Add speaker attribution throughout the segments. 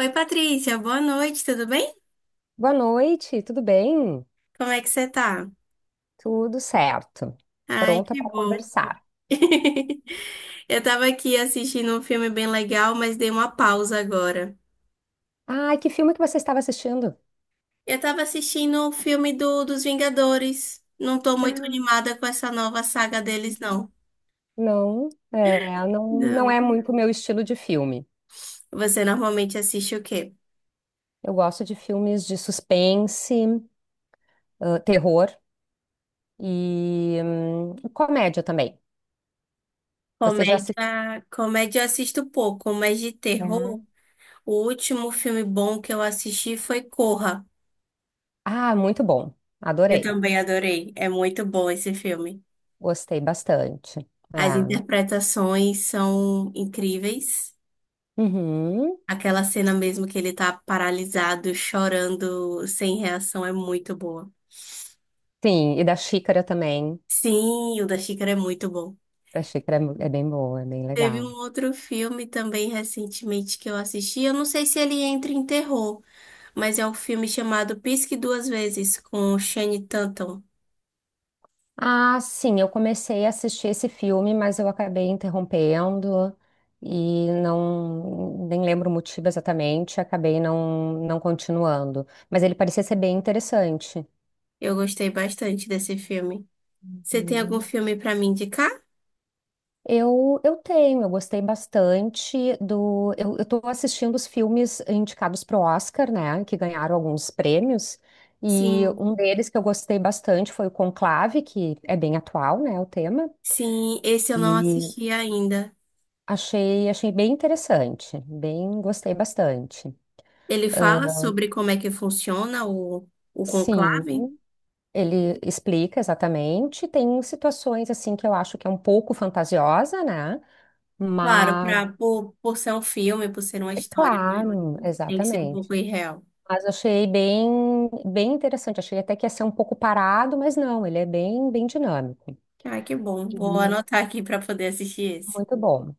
Speaker 1: Oi, Patrícia, boa noite, tudo bem?
Speaker 2: Boa noite, tudo bem?
Speaker 1: Como é que você tá?
Speaker 2: Tudo certo.
Speaker 1: Ai,
Speaker 2: Pronta
Speaker 1: que
Speaker 2: para
Speaker 1: bom.
Speaker 2: conversar.
Speaker 1: Eu tava aqui assistindo um filme bem legal, mas dei uma pausa agora.
Speaker 2: Ah, que filme que você estava assistindo?
Speaker 1: Eu tava assistindo o filme dos Vingadores. Não tô muito
Speaker 2: Ah,
Speaker 1: animada com essa nova saga deles, não.
Speaker 2: não, não, não
Speaker 1: Não.
Speaker 2: é muito o meu estilo de filme.
Speaker 1: Você normalmente assiste o quê?
Speaker 2: Eu gosto de filmes de suspense, ah, terror e comédia também. Você já assistiu?
Speaker 1: Comédia, comédia eu assisto pouco, mas de terror, o último filme bom que eu assisti foi Corra.
Speaker 2: Ah, muito bom.
Speaker 1: Eu
Speaker 2: Adorei.
Speaker 1: também adorei. É muito bom esse filme.
Speaker 2: Gostei bastante.
Speaker 1: As
Speaker 2: Ah,
Speaker 1: interpretações são incríveis.
Speaker 2: uhum.
Speaker 1: Aquela cena mesmo que ele tá paralisado, chorando, sem reação, é muito boa.
Speaker 2: Sim, e da Xícara também.
Speaker 1: Sim, o da Xícara é muito bom.
Speaker 2: A Xícara é bem boa, é bem
Speaker 1: Teve
Speaker 2: legal.
Speaker 1: um outro filme também recentemente que eu assisti. Eu não sei se ele entra em terror, mas é um filme chamado Pisque Duas Vezes, com Channing Tatum.
Speaker 2: Ah, sim, eu comecei a assistir esse filme, mas eu acabei interrompendo e não nem lembro o motivo exatamente, acabei não continuando. Mas ele parecia ser bem interessante.
Speaker 1: Eu gostei bastante desse filme. Você tem algum
Speaker 2: Uhum.
Speaker 1: filme pra me indicar?
Speaker 2: Eu tenho. Eu gostei bastante do. Eu tô assistindo os filmes indicados pro Oscar, né? Que ganharam alguns prêmios. E
Speaker 1: Sim.
Speaker 2: um deles que eu gostei bastante foi o Conclave, que é bem atual, né? O tema.
Speaker 1: Sim, esse eu não assisti ainda.
Speaker 2: Achei bem interessante, bem, gostei bastante.
Speaker 1: Ele fala sobre como é que funciona o
Speaker 2: Sim,
Speaker 1: conclave?
Speaker 2: ele explica exatamente. Tem situações assim que eu acho que é um pouco fantasiosa, né?
Speaker 1: Claro,
Speaker 2: Mas
Speaker 1: por ser um filme, por ser uma
Speaker 2: é
Speaker 1: história, né?
Speaker 2: claro,
Speaker 1: Tem que ser um
Speaker 2: exatamente.
Speaker 1: pouco irreal.
Speaker 2: Mas achei bem, bem interessante. Achei até que ia ser um pouco parado, mas não, ele é bem, bem dinâmico
Speaker 1: Ah, que bom. Vou
Speaker 2: e
Speaker 1: anotar aqui para poder assistir esse.
Speaker 2: muito bom.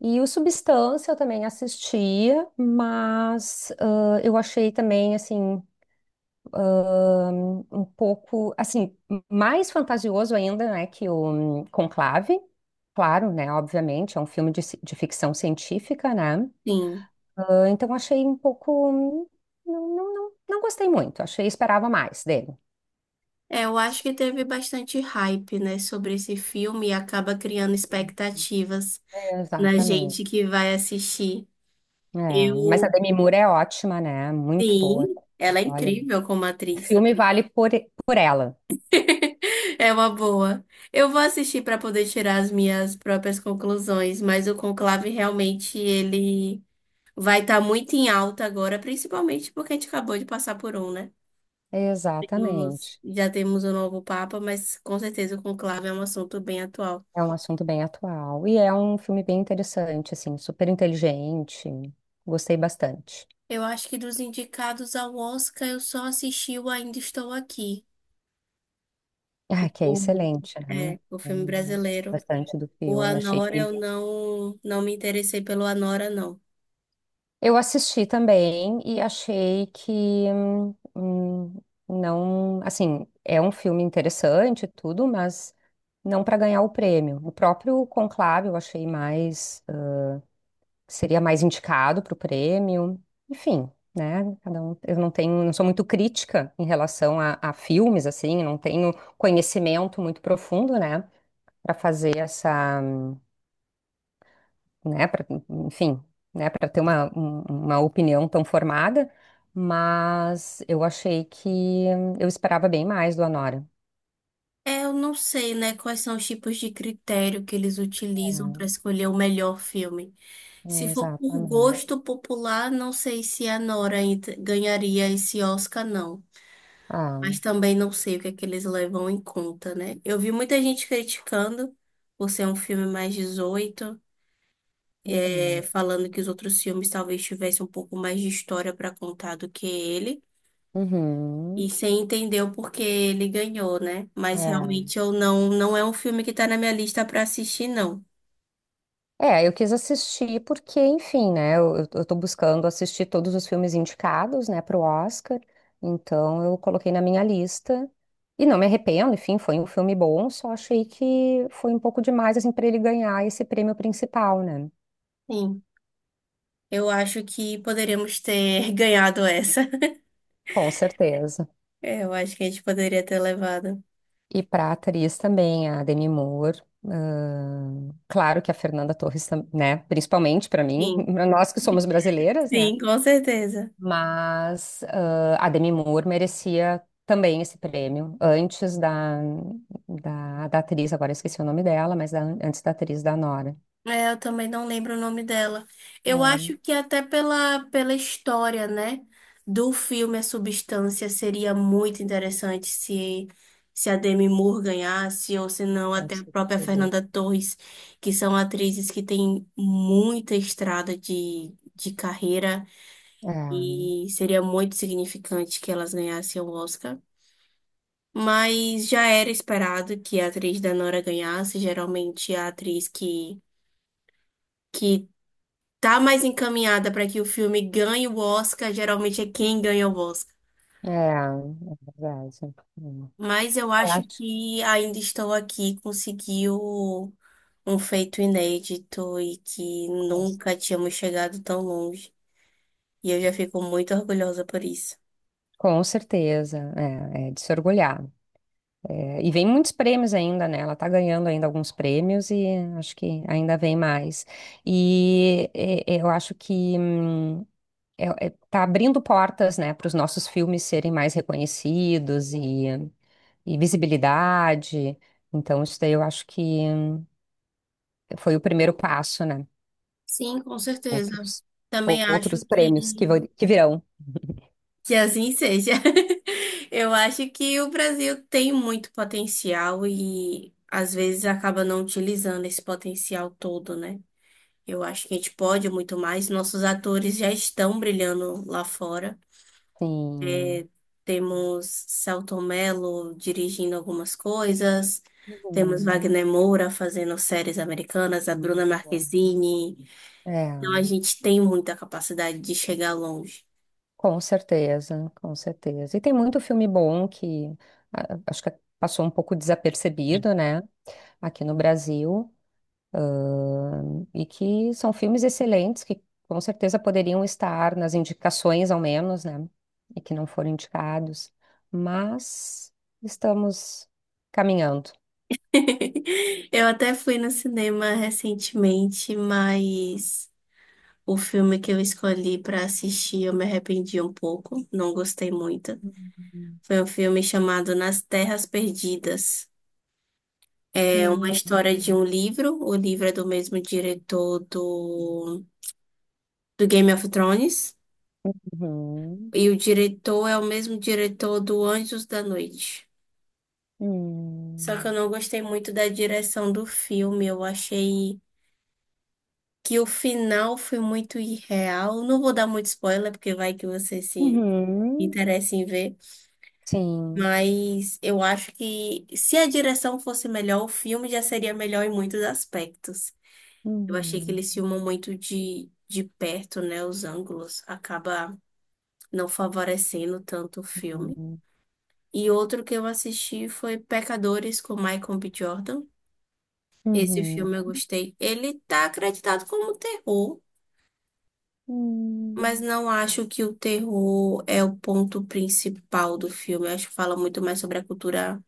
Speaker 2: E o Substância eu também assistia, mas ah, eu achei também assim um pouco, assim, mais fantasioso ainda, né, que o Conclave. Claro, né, obviamente, é um filme de ficção científica, né?
Speaker 1: Sim.
Speaker 2: Ah, então achei um pouco, não gostei muito, achei, esperava mais dele.
Speaker 1: É, eu acho que teve bastante hype, né, sobre esse filme e acaba criando expectativas
Speaker 2: É,
Speaker 1: na
Speaker 2: exatamente.
Speaker 1: gente que vai assistir.
Speaker 2: É, mas a
Speaker 1: Eu,
Speaker 2: Demi Moore é ótima, né? Muito boa.
Speaker 1: sim, ela é
Speaker 2: Olha,
Speaker 1: incrível como
Speaker 2: o
Speaker 1: atriz.
Speaker 2: filme vale por ela.
Speaker 1: É uma boa. Eu vou assistir para poder tirar as minhas próprias conclusões, mas o Conclave realmente ele vai estar muito em alta agora, principalmente porque a gente acabou de passar por um, né? Temos-
Speaker 2: Exatamente.
Speaker 1: já temos o novo Papa, mas com certeza o Conclave é um assunto bem atual.
Speaker 2: É um assunto bem atual e é um filme bem interessante, assim, super inteligente. Gostei bastante.
Speaker 1: Eu acho que dos indicados ao Oscar, eu só assisti o Ainda Estou Aqui, o,
Speaker 2: Ah, que é
Speaker 1: o-
Speaker 2: excelente, né?
Speaker 1: o filme
Speaker 2: Gostei
Speaker 1: brasileiro.
Speaker 2: bastante do
Speaker 1: O
Speaker 2: filme. Achei
Speaker 1: Anora,
Speaker 2: que
Speaker 1: eu não, não me interessei pelo Anora, não.
Speaker 2: eu assisti também e achei que hum, hum, não, assim, é um filme interessante e tudo, mas não para ganhar o prêmio. O próprio Conclave eu achei mais seria mais indicado para o prêmio. Enfim, né? Cada um, eu não tenho, não sou muito crítica em relação a filmes, assim, não tenho conhecimento muito profundo, né? Para fazer essa, né? Pra, enfim, né? Para ter uma opinião tão formada. Mas eu achei que eu esperava bem mais do Anora.
Speaker 1: É, eu não sei, né, quais são os tipos de critério que eles utilizam para
Speaker 2: É,
Speaker 1: escolher o melhor filme. Se for por
Speaker 2: exatamente.
Speaker 1: gosto popular, não sei se a Nora ent- ganharia esse Oscar, não.
Speaker 2: Ah,
Speaker 1: Mas também não sei o que é que eles levam em conta, né? Eu vi muita gente criticando por ser um filme mais 18
Speaker 2: uhum,
Speaker 1: falando que os outros filmes talvez tivessem um pouco mais de história para contar do que ele.
Speaker 2: uhum,
Speaker 1: E você entendeu porque ele ganhou, né? Mas
Speaker 2: é.
Speaker 1: realmente eu não, não é um filme que tá na minha lista pra assistir, não.
Speaker 2: É, eu quis assistir porque, enfim, né? Eu tô buscando assistir todos os filmes indicados, né, pro Oscar. Então eu coloquei na minha lista. E não me arrependo, enfim, foi um filme bom, só achei que foi um pouco demais, assim, para ele ganhar esse prêmio principal, né?
Speaker 1: Sim, eu acho que poderíamos ter ganhado essa.
Speaker 2: Com certeza.
Speaker 1: É, eu acho que a gente poderia ter levado.
Speaker 2: E para atriz também, a Demi Moore. Claro que a Fernanda Torres, né? Principalmente para mim,
Speaker 1: Sim,
Speaker 2: pra nós que somos brasileiras, né?
Speaker 1: sim, com certeza.
Speaker 2: Mas ah, a Demi Moore merecia também esse prêmio, antes da, da, da atriz, agora eu esqueci o nome dela, mas antes da atriz da Nora.
Speaker 1: É, eu também não lembro o nome dela. Eu
Speaker 2: Hum,
Speaker 1: acho que até pela, pela história, né, do filme A Substância seria muito interessante se se a Demi Moore ganhasse ou se não
Speaker 2: com
Speaker 1: até a própria
Speaker 2: certeza,
Speaker 1: Fernanda Torres, que são atrizes que têm muita estrada de carreira
Speaker 2: É,
Speaker 1: e seria muito significante que elas ganhassem o Oscar. Mas já era esperado que a atriz da Nora ganhasse, geralmente a atriz que tá mais encaminhada para que o filme ganhe o Oscar, geralmente é quem ganha o Oscar.
Speaker 2: é, verdade. Hum.
Speaker 1: Mas eu
Speaker 2: Eu
Speaker 1: acho
Speaker 2: acho.
Speaker 1: que Ainda Estou Aqui conseguiu um feito inédito e que
Speaker 2: Com cer-
Speaker 1: nunca tínhamos chegado tão longe. E eu já fico muito orgulhosa por isso.
Speaker 2: com certeza, é de se orgulhar. É, e vem muitos prêmios ainda, né? Ela tá ganhando ainda alguns prêmios e acho que ainda vem mais. E é, eu acho que. Tá abrindo portas, né, para os nossos filmes serem mais reconhecidos e visibilidade. Então, isso daí eu acho que foi o primeiro passo, né?
Speaker 1: Sim, com certeza.
Speaker 2: Outros,
Speaker 1: Também acho
Speaker 2: outros prêmios que, que virão.
Speaker 1: que assim seja. Eu acho que o Brasil tem muito potencial e às vezes acaba não utilizando esse potencial todo, né? Eu acho que a gente pode muito mais. Nossos atores já estão brilhando lá fora.
Speaker 2: Sim.
Speaker 1: Temos Selton Mello dirigindo algumas coisas. Temos
Speaker 2: Uhum.
Speaker 1: Wagner Moura fazendo séries americanas, a Bruna
Speaker 2: Muito bom.
Speaker 1: Marquezine. Então a
Speaker 2: É,
Speaker 1: gente tem muita capacidade de chegar longe.
Speaker 2: com certeza, com certeza. E tem muito filme bom que ah, acho que passou um pouco desapercebido, né, aqui no Brasil. E que são filmes excelentes que com certeza poderiam estar nas indicações, ao menos, né? E que não foram indicados. Mas estamos caminhando.
Speaker 1: Eu até fui no cinema recentemente, mas o filme que eu escolhi para assistir eu me arrependi um pouco, não gostei muito. Foi um filme chamado Nas Terras Perdidas. É uma
Speaker 2: Não.
Speaker 1: história de um livro. O livro é do mesmo diretor do Game of Thrones.
Speaker 2: Uhum.
Speaker 1: E o diretor é o mesmo diretor do Anjos da Noite. Só que eu
Speaker 2: Uhum.
Speaker 1: não gostei muito da direção do filme. Eu achei que o final foi muito irreal. Não vou dar muito spoiler, porque vai que você se
Speaker 2: Uhum.
Speaker 1: interessa em ver.
Speaker 2: Sim.
Speaker 1: Mas eu acho que se a direção fosse melhor, o filme já seria melhor em muitos aspectos. Eu achei que
Speaker 2: Uhum.
Speaker 1: eles filmam muito de perto, né? Os ângulos acaba não favorecendo tanto o filme.
Speaker 2: Uhum.
Speaker 1: E outro que eu assisti foi Pecadores com Michael B. Jordan. Esse
Speaker 2: Uhum.
Speaker 1: filme eu gostei. Ele tá acreditado como terror, mas
Speaker 2: Uhum.
Speaker 1: não acho que o terror é o ponto principal do filme. Eu acho que fala muito mais sobre a cultura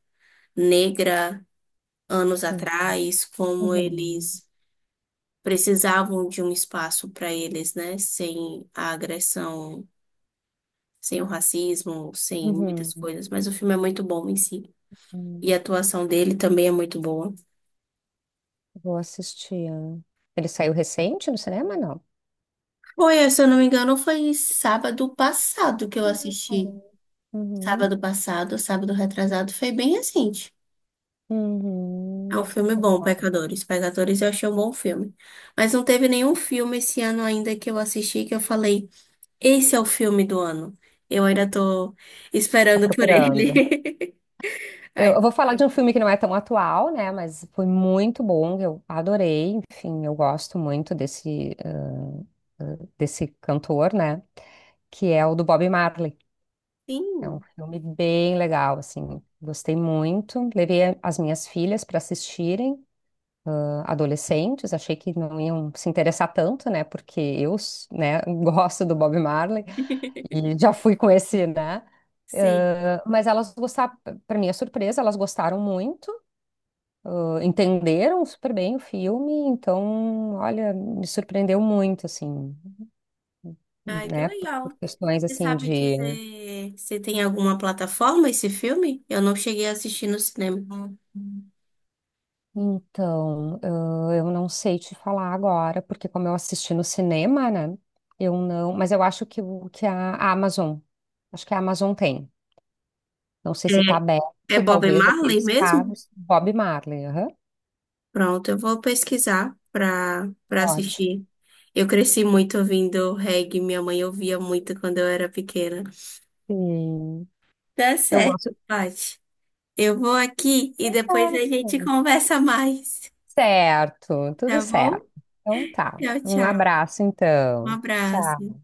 Speaker 1: negra anos
Speaker 2: Sim.
Speaker 1: atrás, como
Speaker 2: Uhum.
Speaker 1: eles precisavam de um espaço para eles, né? Sem a agressão sem o racismo, sem muitas
Speaker 2: Uhum.
Speaker 1: coisas, mas o filme é muito bom em si. E a
Speaker 2: Uhum.
Speaker 1: atuação dele também é muito boa.
Speaker 2: Vou assistir. Ele saiu recente no cinema, não?
Speaker 1: Foi, se eu não me engano, foi sábado passado que eu assisti.
Speaker 2: Uhum. Uhum.
Speaker 1: Sábado passado, sábado retrasado, foi bem recente. É um
Speaker 2: Uhum.
Speaker 1: filme bom, Pecadores. Pecadores eu achei um bom filme. Mas não teve nenhum filme esse ano ainda que eu assisti que eu falei, esse é o filme do ano. Eu ainda tô
Speaker 2: Tá
Speaker 1: esperando por
Speaker 2: procurando.
Speaker 1: ele.
Speaker 2: Eu,
Speaker 1: Ai,
Speaker 2: eu vou falar de um filme que não é tão atual, né? Mas foi muito bom, eu adorei. Enfim, eu gosto muito desse cantor, né? Que é o do Bob Marley. É um
Speaker 1: sim,
Speaker 2: filme bem legal, assim. Gostei muito. Levei as minhas filhas para assistirem, ah, adolescentes. Achei que não iam se interessar tanto, né? Porque eu, né, gosto do Bob Marley e já fui com esse, né?
Speaker 1: sim.
Speaker 2: Mas elas gostaram, para minha surpresa, elas gostaram muito, entenderam super bem o filme, então, olha, me surpreendeu muito, assim,
Speaker 1: Ai, que
Speaker 2: né? Por
Speaker 1: legal.
Speaker 2: questões
Speaker 1: Você
Speaker 2: assim
Speaker 1: sabe
Speaker 2: de.
Speaker 1: dizer se tem alguma plataforma esse filme? Eu não cheguei a assistir no cinema.
Speaker 2: Então, eu não sei te falar agora, porque como eu assisti no cinema, né? Eu não. Mas eu acho que, que a Amazon, acho que a Amazon tem. Não sei se está
Speaker 1: É, é
Speaker 2: aberto,
Speaker 1: Bob
Speaker 2: talvez,
Speaker 1: Marley
Speaker 2: aqueles
Speaker 1: mesmo?
Speaker 2: pagos. Bob Marley, aham.
Speaker 1: Pronto, eu vou pesquisar
Speaker 2: É
Speaker 1: pra
Speaker 2: ótimo.
Speaker 1: assistir. Eu cresci muito ouvindo reggae, minha mãe ouvia muito quando eu era pequena.
Speaker 2: Sim.
Speaker 1: Tá
Speaker 2: Eu
Speaker 1: certo,
Speaker 2: gosto.
Speaker 1: Paty. Eu vou aqui e depois a gente conversa mais,
Speaker 2: Certo, tudo
Speaker 1: tá bom?
Speaker 2: certo. Então tá.
Speaker 1: Tchau,
Speaker 2: Um
Speaker 1: tchau.
Speaker 2: abraço
Speaker 1: Um
Speaker 2: então. Tchau.
Speaker 1: abraço.